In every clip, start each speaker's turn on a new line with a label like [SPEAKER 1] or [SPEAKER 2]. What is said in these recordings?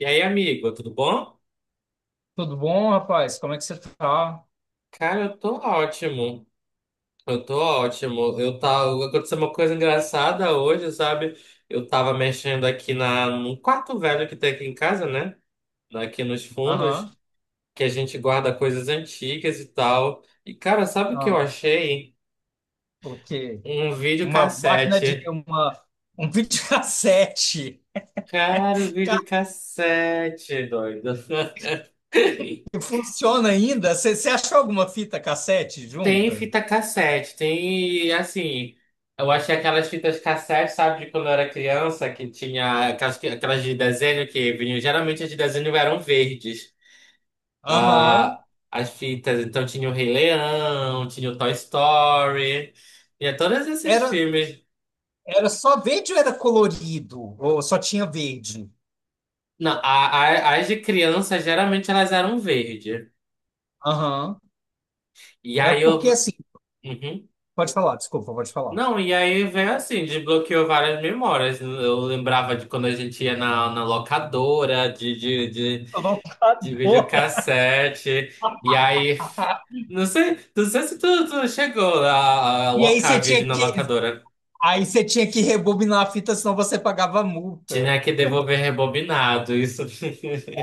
[SPEAKER 1] E aí, amigo, tudo bom?
[SPEAKER 2] Tudo bom, rapaz? Como é que você tá?
[SPEAKER 1] Cara, eu tô ótimo. Eu tô ótimo. Eu tava... aconteceu uma coisa engraçada hoje, sabe? Eu tava mexendo aqui na... num quarto velho que tem aqui em casa, né? Aqui nos fundos,
[SPEAKER 2] Aham.
[SPEAKER 1] que a gente guarda coisas antigas e tal. E, cara, sabe o que eu
[SPEAKER 2] Ah,
[SPEAKER 1] achei?
[SPEAKER 2] o quê?
[SPEAKER 1] Um
[SPEAKER 2] Uma máquina de
[SPEAKER 1] videocassete.
[SPEAKER 2] uma um videocassete.
[SPEAKER 1] Cara, o
[SPEAKER 2] Cara,
[SPEAKER 1] videocassete, doido.
[SPEAKER 2] que funciona ainda? Você achou alguma fita cassete
[SPEAKER 1] Tem
[SPEAKER 2] junta?
[SPEAKER 1] fita cassete, tem assim. Eu achei aquelas fitas cassete, sabe, de quando eu era criança, que tinha aquelas, que- aquelas de desenho que vinham. Geralmente as de desenho eram verdes.
[SPEAKER 2] Aham.
[SPEAKER 1] Ah, as fitas, então tinha o Rei Leão, tinha o Toy Story, tinha todos esses
[SPEAKER 2] Era
[SPEAKER 1] filmes.
[SPEAKER 2] era só verde ou era colorido? Ou só tinha verde?
[SPEAKER 1] Não, a- as de criança geralmente elas eram verde.
[SPEAKER 2] Aham.
[SPEAKER 1] E
[SPEAKER 2] É
[SPEAKER 1] aí
[SPEAKER 2] porque
[SPEAKER 1] eu.
[SPEAKER 2] assim,
[SPEAKER 1] Uhum.
[SPEAKER 2] pode falar, desculpa, pode falar.
[SPEAKER 1] Não, e aí vem assim, desbloqueou várias memórias. Eu lembrava de quando a gente ia na locadora de, de, de,
[SPEAKER 2] A
[SPEAKER 1] de
[SPEAKER 2] locadora.
[SPEAKER 1] videocassete. E aí, não sei, não sei se tu, tu chegou a
[SPEAKER 2] E aí você
[SPEAKER 1] locar
[SPEAKER 2] tinha
[SPEAKER 1] vídeo na
[SPEAKER 2] que
[SPEAKER 1] locadora.
[SPEAKER 2] aí você tinha que rebobinar a fita, senão você pagava multa.
[SPEAKER 1] Tinha que devolver rebobinado, isso.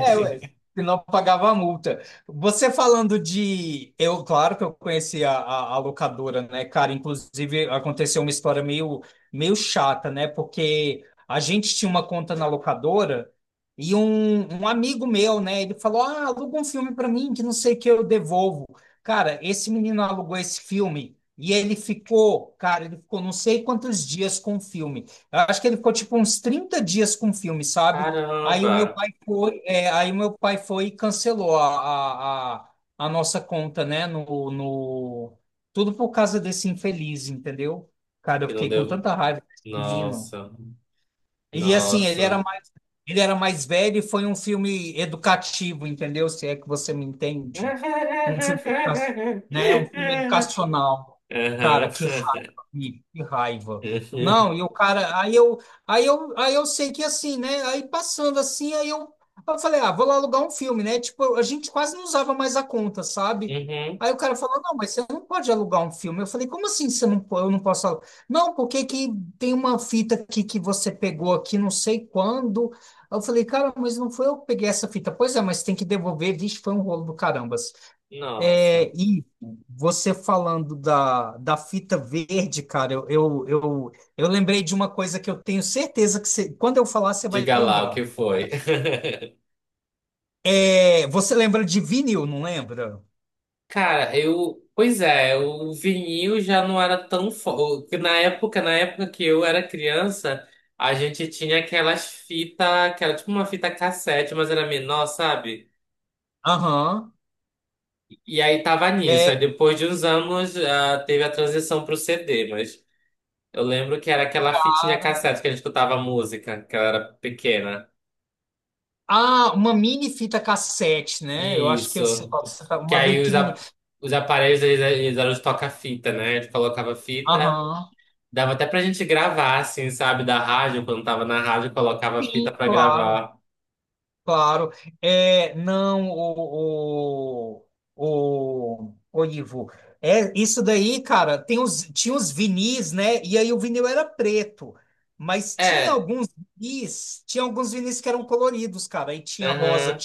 [SPEAKER 2] É, ué, senão pagava a multa. Você falando de. Eu, claro que eu conheci a locadora, né, cara? Inclusive, aconteceu uma história meio chata, né? Porque a gente tinha uma conta na locadora e um amigo meu, né? Ele falou: "Ah, aluga um filme pra mim que não sei o que eu devolvo." Cara, esse menino alugou esse filme. E ele ficou, cara, ele ficou não sei quantos dias com o filme. Eu acho que ele ficou tipo uns 30 dias com o filme, sabe? Aí o meu
[SPEAKER 1] Caramba,
[SPEAKER 2] aí meu pai foi e cancelou a nossa conta, né? No. Tudo por causa desse infeliz, entendeu? Cara, eu
[SPEAKER 1] que não
[SPEAKER 2] fiquei com
[SPEAKER 1] devo.
[SPEAKER 2] tanta raiva desse menino.
[SPEAKER 1] Nossa,
[SPEAKER 2] E assim, ele
[SPEAKER 1] nossa.
[SPEAKER 2] era mais, ele era mais velho e foi um filme educativo, entendeu? Se é que você me entende. Um filme, né? Um filme educacional. Cara,
[SPEAKER 1] Aham.
[SPEAKER 2] que raiva, amigo, que raiva. Não, e o cara, aí eu sei que assim, né? Aí passando assim, aí eu falei, ah, vou lá alugar um filme, né? Tipo, a gente quase não usava mais a conta, sabe?
[SPEAKER 1] Uhum.
[SPEAKER 2] Aí o cara falou, não, mas você não pode alugar um filme. Eu falei, como assim você não, po- eu não posso alugar? Não, porque que tem uma fita aqui que você pegou aqui, não sei quando. Aí eu falei, cara, mas não foi eu que peguei essa fita. Pois é, mas tem que devolver. Vixe, foi um rolo do caramba assim.
[SPEAKER 1] Nossa.
[SPEAKER 2] É, e você falando da fita verde, cara, eu lembrei de uma coisa que eu tenho certeza que você, quando eu falar, você vai
[SPEAKER 1] Diga lá o que
[SPEAKER 2] lembrar.
[SPEAKER 1] foi.
[SPEAKER 2] É, você lembra de vinil, não lembra?
[SPEAKER 1] Cara, eu. Pois é, o vinil já não era tão forte. Na época que eu era criança, a gente tinha aquelas fitas, que era tipo uma fita cassete, mas era menor, sabe?
[SPEAKER 2] Aham.
[SPEAKER 1] E aí tava nisso.
[SPEAKER 2] É,
[SPEAKER 1] Aí depois de uns anos, ah, teve a transição pro CD, mas eu lembro que era aquela fitinha
[SPEAKER 2] cara.
[SPEAKER 1] cassete que a gente escutava música, que ela era pequena.
[SPEAKER 2] Ah, uma mini fita cassete, né? Eu acho que eu sei
[SPEAKER 1] Isso.
[SPEAKER 2] qual que você tá,
[SPEAKER 1] Que
[SPEAKER 2] uma bem
[SPEAKER 1] aí os,
[SPEAKER 2] pequenininha.
[SPEAKER 1] a- os aparelhos, eles eram os toca-fita, né? Ele colocava fita,
[SPEAKER 2] Aham.
[SPEAKER 1] dava até pra gente gravar, assim, sabe? Da rádio, quando tava na rádio, colocava fita
[SPEAKER 2] Sim,
[SPEAKER 1] pra
[SPEAKER 2] claro.
[SPEAKER 1] gravar.
[SPEAKER 2] Claro, é, não, o Ivo, é, isso daí, cara, tinha os vinis, né, e aí o vinil era preto, mas tinha
[SPEAKER 1] É,
[SPEAKER 2] alguns vinis, tinha alguns vinis que eram coloridos, cara, aí tinha rosa,
[SPEAKER 1] aham,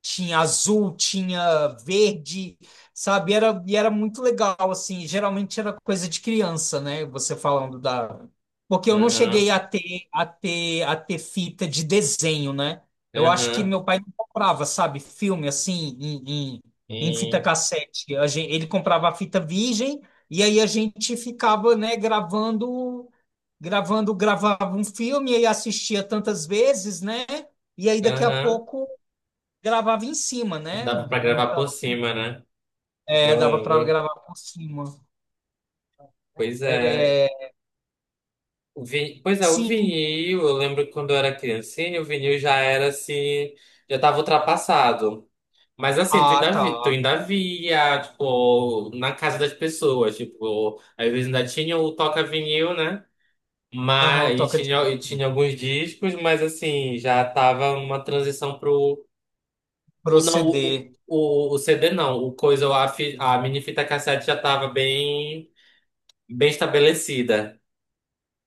[SPEAKER 2] tinha azul, tinha verde, sabe? E era muito legal, assim. Geralmente era coisa de criança, né? Você falando da. Porque eu não
[SPEAKER 1] aham,
[SPEAKER 2] cheguei a ter, a ter fita de desenho, né? Eu acho que
[SPEAKER 1] aham,
[SPEAKER 2] meu pai não comprava, sabe? Filme assim, em, em, em fita
[SPEAKER 1] hum,
[SPEAKER 2] cassete. Ele comprava a fita virgem e aí a gente ficava, né, gravava um filme e aí assistia tantas vezes, né? E aí daqui a
[SPEAKER 1] aham.
[SPEAKER 2] pouco gravava em cima,
[SPEAKER 1] E
[SPEAKER 2] né?
[SPEAKER 1] dava pra gravar por
[SPEAKER 2] Então,
[SPEAKER 1] cima, né?
[SPEAKER 2] é,
[SPEAKER 1] Eu
[SPEAKER 2] dava para
[SPEAKER 1] lembro.
[SPEAKER 2] gravar por cima.
[SPEAKER 1] Pois é.
[SPEAKER 2] É,
[SPEAKER 1] O vi... pois é, o
[SPEAKER 2] sim.
[SPEAKER 1] vinil, eu lembro que quando eu era criancinha, o vinil já era assim, já tava ultrapassado. Mas assim, tu
[SPEAKER 2] Ah,
[SPEAKER 1] ainda,
[SPEAKER 2] tá.
[SPEAKER 1] vi- tu ainda via, tipo, na casa das pessoas, tipo, às vezes ainda tinha o toca-vinil, né?
[SPEAKER 2] Aham, o
[SPEAKER 1] Mas,
[SPEAKER 2] toca de
[SPEAKER 1] e tinha alguns discos, mas assim, já tava uma transição pro... O, não, o,
[SPEAKER 2] proceder.
[SPEAKER 1] o, o CD não, o coisa, a, fi- a mini fita cassete já tava bem, bem estabelecida.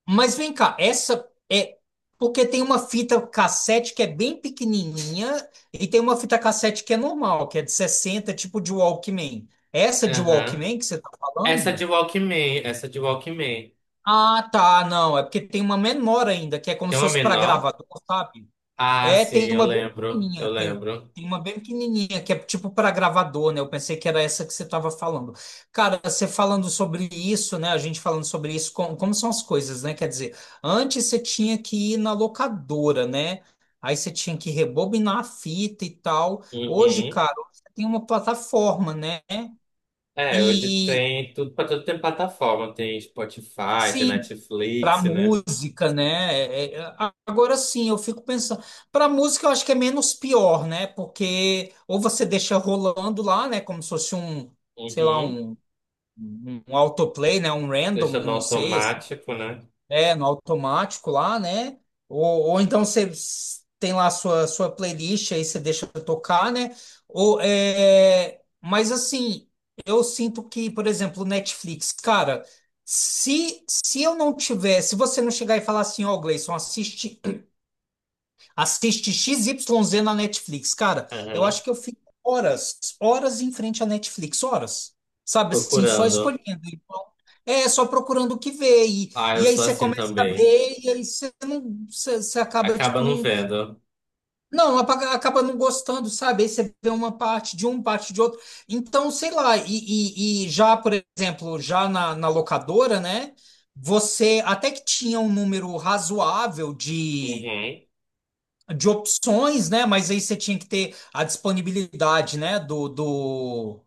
[SPEAKER 2] Mas vem cá, essa é porque tem uma fita cassete que é bem pequenininha e tem uma fita cassete que é normal, que é de 60, tipo de Walkman. Essa de
[SPEAKER 1] Aham.
[SPEAKER 2] Walkman que você tá
[SPEAKER 1] Essa de
[SPEAKER 2] falando?
[SPEAKER 1] Walkman, essa de Walkman.
[SPEAKER 2] Ah, tá, não, é porque tem uma menor ainda, que é como
[SPEAKER 1] Tem
[SPEAKER 2] se
[SPEAKER 1] uma
[SPEAKER 2] fosse para
[SPEAKER 1] menor?
[SPEAKER 2] gravador, sabe?
[SPEAKER 1] Ah,
[SPEAKER 2] É,
[SPEAKER 1] sim,
[SPEAKER 2] tem
[SPEAKER 1] eu
[SPEAKER 2] uma bem
[SPEAKER 1] lembro, eu
[SPEAKER 2] pequenininha, tem,
[SPEAKER 1] lembro.
[SPEAKER 2] tem uma bem pequenininha que é tipo para gravador, né? Eu pensei que era essa que você estava falando. Cara, você falando sobre isso, né? A gente falando sobre isso, como, são as coisas, né? Quer dizer, antes você tinha que ir na locadora, né? Aí você tinha que rebobinar a fita e tal. Hoje,
[SPEAKER 1] Uhum.
[SPEAKER 2] cara, você tem uma plataforma, né?
[SPEAKER 1] É, hoje
[SPEAKER 2] E
[SPEAKER 1] tem tudo para tudo tem plataforma, tem Spotify, tem
[SPEAKER 2] sim, para
[SPEAKER 1] Netflix, né?
[SPEAKER 2] música, né? É, é, agora sim, eu fico pensando. Para música, eu acho que é menos pior, né? Porque ou você deixa rolando lá, né? Como se fosse um, sei lá,
[SPEAKER 1] Uhum.
[SPEAKER 2] um, um autoplay, né? Um random,
[SPEAKER 1] Deixa no
[SPEAKER 2] não sei,
[SPEAKER 1] automático, né?
[SPEAKER 2] é, no automático lá, né? Ou então você tem lá a sua, playlist, aí você deixa tocar, né? Ou, é. Mas assim, eu sinto que, por exemplo, o Netflix, cara, se você não chegar e falar assim, ó, Gleison, assiste XYZ na Netflix. Cara, eu
[SPEAKER 1] Uhum.
[SPEAKER 2] acho que eu fico horas, horas em frente à Netflix, horas. Sabe assim, só
[SPEAKER 1] Procurando.
[SPEAKER 2] escolhendo. Então, é, só procurando o que ver. E,
[SPEAKER 1] Ah, eu
[SPEAKER 2] e aí
[SPEAKER 1] sou
[SPEAKER 2] você
[SPEAKER 1] assim
[SPEAKER 2] começa a
[SPEAKER 1] também.
[SPEAKER 2] ver, e aí você não, você acaba,
[SPEAKER 1] Acaba
[SPEAKER 2] tipo,
[SPEAKER 1] não
[SPEAKER 2] não.
[SPEAKER 1] vendo.
[SPEAKER 2] Não, acaba não gostando, sabe? Aí você vê uma parte de um, parte de outro. Então, sei lá, e já, por exemplo, já na locadora, né? Você até que tinha um número razoável de
[SPEAKER 1] Uhum.
[SPEAKER 2] de opções, né? Mas aí você tinha que ter a disponibilidade, né? Do, do,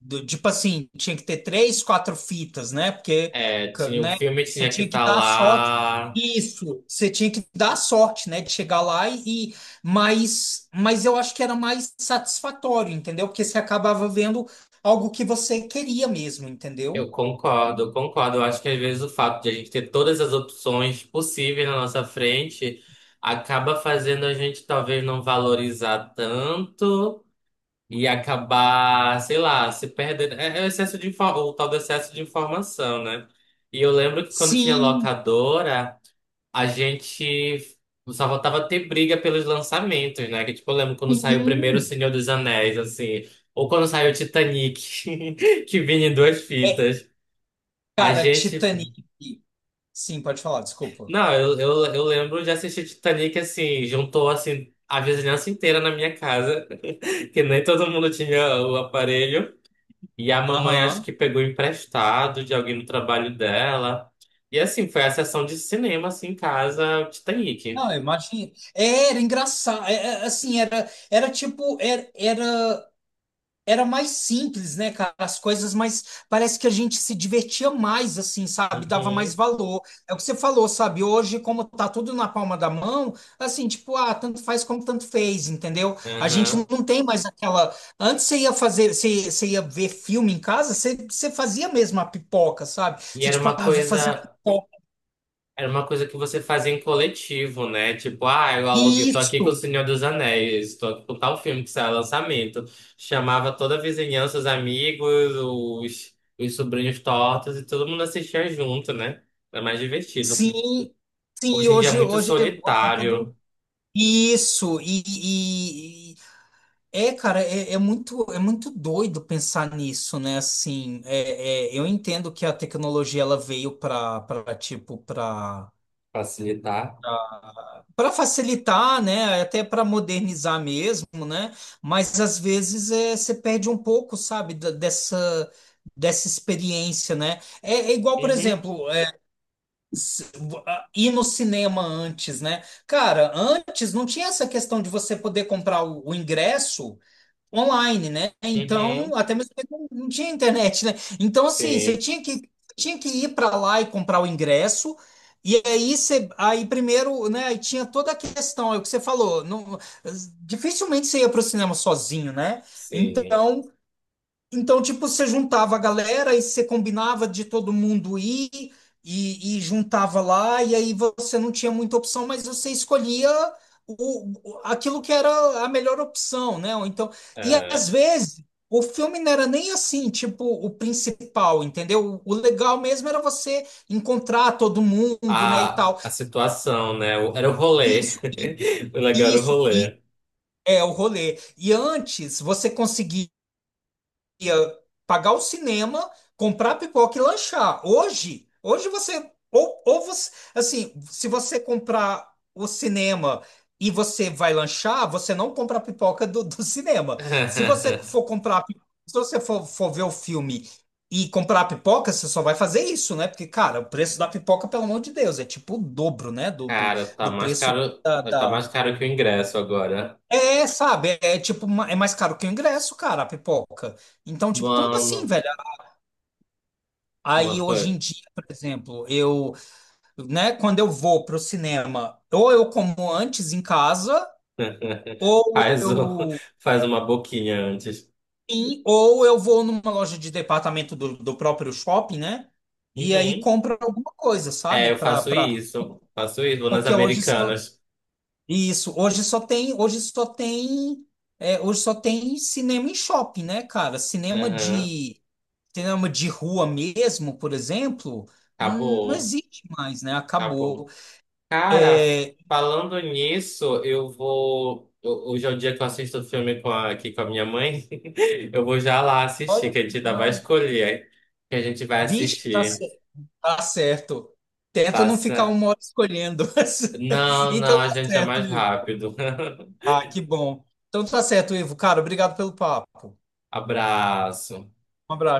[SPEAKER 2] do- Tipo assim, tinha que ter três, quatro fitas, né? Porque,
[SPEAKER 1] É, tinha, o
[SPEAKER 2] né?
[SPEAKER 1] filme
[SPEAKER 2] Você
[SPEAKER 1] tinha que
[SPEAKER 2] tinha que
[SPEAKER 1] estar
[SPEAKER 2] dar sorte.
[SPEAKER 1] lá.
[SPEAKER 2] Isso, você tinha que dar sorte, né? De chegar lá mas eu acho que era mais satisfatório, entendeu? Porque você acabava vendo algo que você queria mesmo, entendeu?
[SPEAKER 1] Eu concordo, eu concordo. Eu acho que às vezes o fato de a gente ter todas as opções possíveis na nossa frente acaba fazendo a gente talvez não valorizar tanto. E acabar, sei lá, se perdendo. É, é o excesso de, info- o tal do excesso de informação, né? E eu lembro que quando tinha
[SPEAKER 2] Sim,
[SPEAKER 1] locadora, a gente só voltava a ter briga pelos lançamentos, né? Que tipo, eu lembro quando saiu primeiro O
[SPEAKER 2] sim.
[SPEAKER 1] Senhor dos Anéis, assim, ou quando saiu Titanic, que vinha em duas fitas. A
[SPEAKER 2] Cara,
[SPEAKER 1] gente.
[SPEAKER 2] Titanic. Sim, pode falar, desculpa.
[SPEAKER 1] Não, eu lembro de assistir Titanic assim, juntou assim a vizinhança inteira na minha casa, que nem todo mundo tinha o aparelho. E a mamãe acho
[SPEAKER 2] Aham.
[SPEAKER 1] que pegou emprestado de alguém no trabalho dela. E assim, foi a sessão de cinema, assim, em casa, Titanic.
[SPEAKER 2] Não, imagina. Era engraçado. Assim, era tipo, era mais simples, né, cara? As coisas, mas parece que a gente se divertia mais, assim, sabe? Dava mais
[SPEAKER 1] Uhum,
[SPEAKER 2] valor. É o que você falou, sabe? Hoje, como tá tudo na palma da mão, assim, tipo, ah, tanto faz como tanto fez, entendeu? A gente
[SPEAKER 1] aham.
[SPEAKER 2] não tem mais aquela. Antes você ia fazer, você ia ver filme em casa, você fazia mesmo a pipoca, sabe?
[SPEAKER 1] E
[SPEAKER 2] Você, tipo, ah, vou fazer a pipoca.
[SPEAKER 1] era uma coisa que você fazia em coletivo, né? Tipo, ah, eu aluguei, tô aqui com o
[SPEAKER 2] Isso!
[SPEAKER 1] Senhor dos Anéis, tô aqui com tal filme que saiu lançamento. Chamava toda a vizinhança, os amigos, os sobrinhos tortos, e todo mundo assistia junto, né? Era mais divertido.
[SPEAKER 2] Sim, sim,
[SPEAKER 1] Hoje em dia é
[SPEAKER 2] hoje,
[SPEAKER 1] muito
[SPEAKER 2] hoje, hoje é todo
[SPEAKER 1] solitário.
[SPEAKER 2] isso, é, cara, é muito doido pensar nisso, né? Assim, eu entendo que a tecnologia ela veio para tipo para
[SPEAKER 1] Facilitar.
[SPEAKER 2] para facilitar, né? Até para modernizar mesmo, né? Mas às vezes você perde um pouco, sabe, dessa experiência, né? É, é igual, por
[SPEAKER 1] Uhum.
[SPEAKER 2] exemplo. Ir no cinema antes, né? Cara, antes não tinha essa questão de você poder comprar o ingresso online, né?
[SPEAKER 1] Uhum.
[SPEAKER 2] Então, até mesmo porque não tinha internet, né? Então, assim, você
[SPEAKER 1] Sim,
[SPEAKER 2] tinha que ir para lá e comprar o ingresso. E aí, você, aí primeiro, né, aí tinha toda a questão, é o que você falou, não, dificilmente você ia para o cinema sozinho, né?
[SPEAKER 1] sim.
[SPEAKER 2] Então, então, tipo, você juntava a galera e você combinava de todo mundo ir e juntava lá, e aí você não tinha muita opção, mas você escolhia aquilo que era a melhor opção, né? Ou então, e
[SPEAKER 1] É,
[SPEAKER 2] às vezes o filme não era nem assim, tipo, o principal, entendeu? O legal mesmo era você encontrar todo mundo, né, e tal.
[SPEAKER 1] a situação, né? O- era o rolê.
[SPEAKER 2] Isso,
[SPEAKER 1] O legal era o
[SPEAKER 2] isso, e
[SPEAKER 1] rolê.
[SPEAKER 2] é o rolê. E antes você conseguia ia pagar o cinema, comprar pipoca e lanchar. Hoje você ou você, assim, se você comprar o cinema e você vai lanchar, você não compra a pipoca do cinema. Se você for comprar, pi- Se você for ver o filme e comprar a pipoca, você só vai fazer isso, né? Porque, cara, o preço da pipoca, pelo amor de Deus, é tipo o dobro, né? Do, do,
[SPEAKER 1] Cara, tá
[SPEAKER 2] do
[SPEAKER 1] mais
[SPEAKER 2] preço.
[SPEAKER 1] caro,
[SPEAKER 2] da...
[SPEAKER 1] mas tá
[SPEAKER 2] da-
[SPEAKER 1] mais caro que o ingresso agora.
[SPEAKER 2] É, sabe, é tipo, é mais caro que o ingresso, cara, a pipoca. Então, tipo, como assim,
[SPEAKER 1] Mano,
[SPEAKER 2] velho? Aí
[SPEAKER 1] uma
[SPEAKER 2] hoje
[SPEAKER 1] coisa.
[SPEAKER 2] em dia, por exemplo, eu, né, quando eu vou pro cinema, ou eu como antes em casa, ou
[SPEAKER 1] Faz, um-
[SPEAKER 2] eu,
[SPEAKER 1] faz uma boquinha antes.
[SPEAKER 2] sim, ou eu vou numa loja de departamento do próprio shopping, né? E aí
[SPEAKER 1] Uhum.
[SPEAKER 2] compro alguma coisa,
[SPEAKER 1] É,
[SPEAKER 2] sabe?
[SPEAKER 1] eu
[SPEAKER 2] Pra,
[SPEAKER 1] faço
[SPEAKER 2] pra,
[SPEAKER 1] isso. Faço isso, vou nas
[SPEAKER 2] porque
[SPEAKER 1] Americanas.
[SPEAKER 2] isso, hoje só tem, é, hoje só tem cinema em shopping, né, cara? Cinema
[SPEAKER 1] Uhum.
[SPEAKER 2] de, cinema de rua mesmo, por exemplo, não
[SPEAKER 1] Acabou,
[SPEAKER 2] existe mais, né?
[SPEAKER 1] acabou.
[SPEAKER 2] Acabou.
[SPEAKER 1] Cara,
[SPEAKER 2] É,
[SPEAKER 1] falando nisso, eu vou. Ho- hoje é o dia que eu assisto o filme com a- aqui com a minha mãe. Eu vou já lá assistir,
[SPEAKER 2] olha,
[SPEAKER 1] que a gente ainda vai
[SPEAKER 2] então,
[SPEAKER 1] escolher que a gente vai
[SPEAKER 2] diz que tá,
[SPEAKER 1] assistir.
[SPEAKER 2] tá certo. Tenta não ficar
[SPEAKER 1] Passa.
[SPEAKER 2] uma hora escolhendo.
[SPEAKER 1] Não, não,
[SPEAKER 2] Então tá
[SPEAKER 1] a gente é
[SPEAKER 2] certo,
[SPEAKER 1] mais
[SPEAKER 2] Ivo.
[SPEAKER 1] rápido.
[SPEAKER 2] Ah, que bom. Então tá certo, Ivo. Cara, obrigado pelo papo.
[SPEAKER 1] Abraço.
[SPEAKER 2] Um abraço.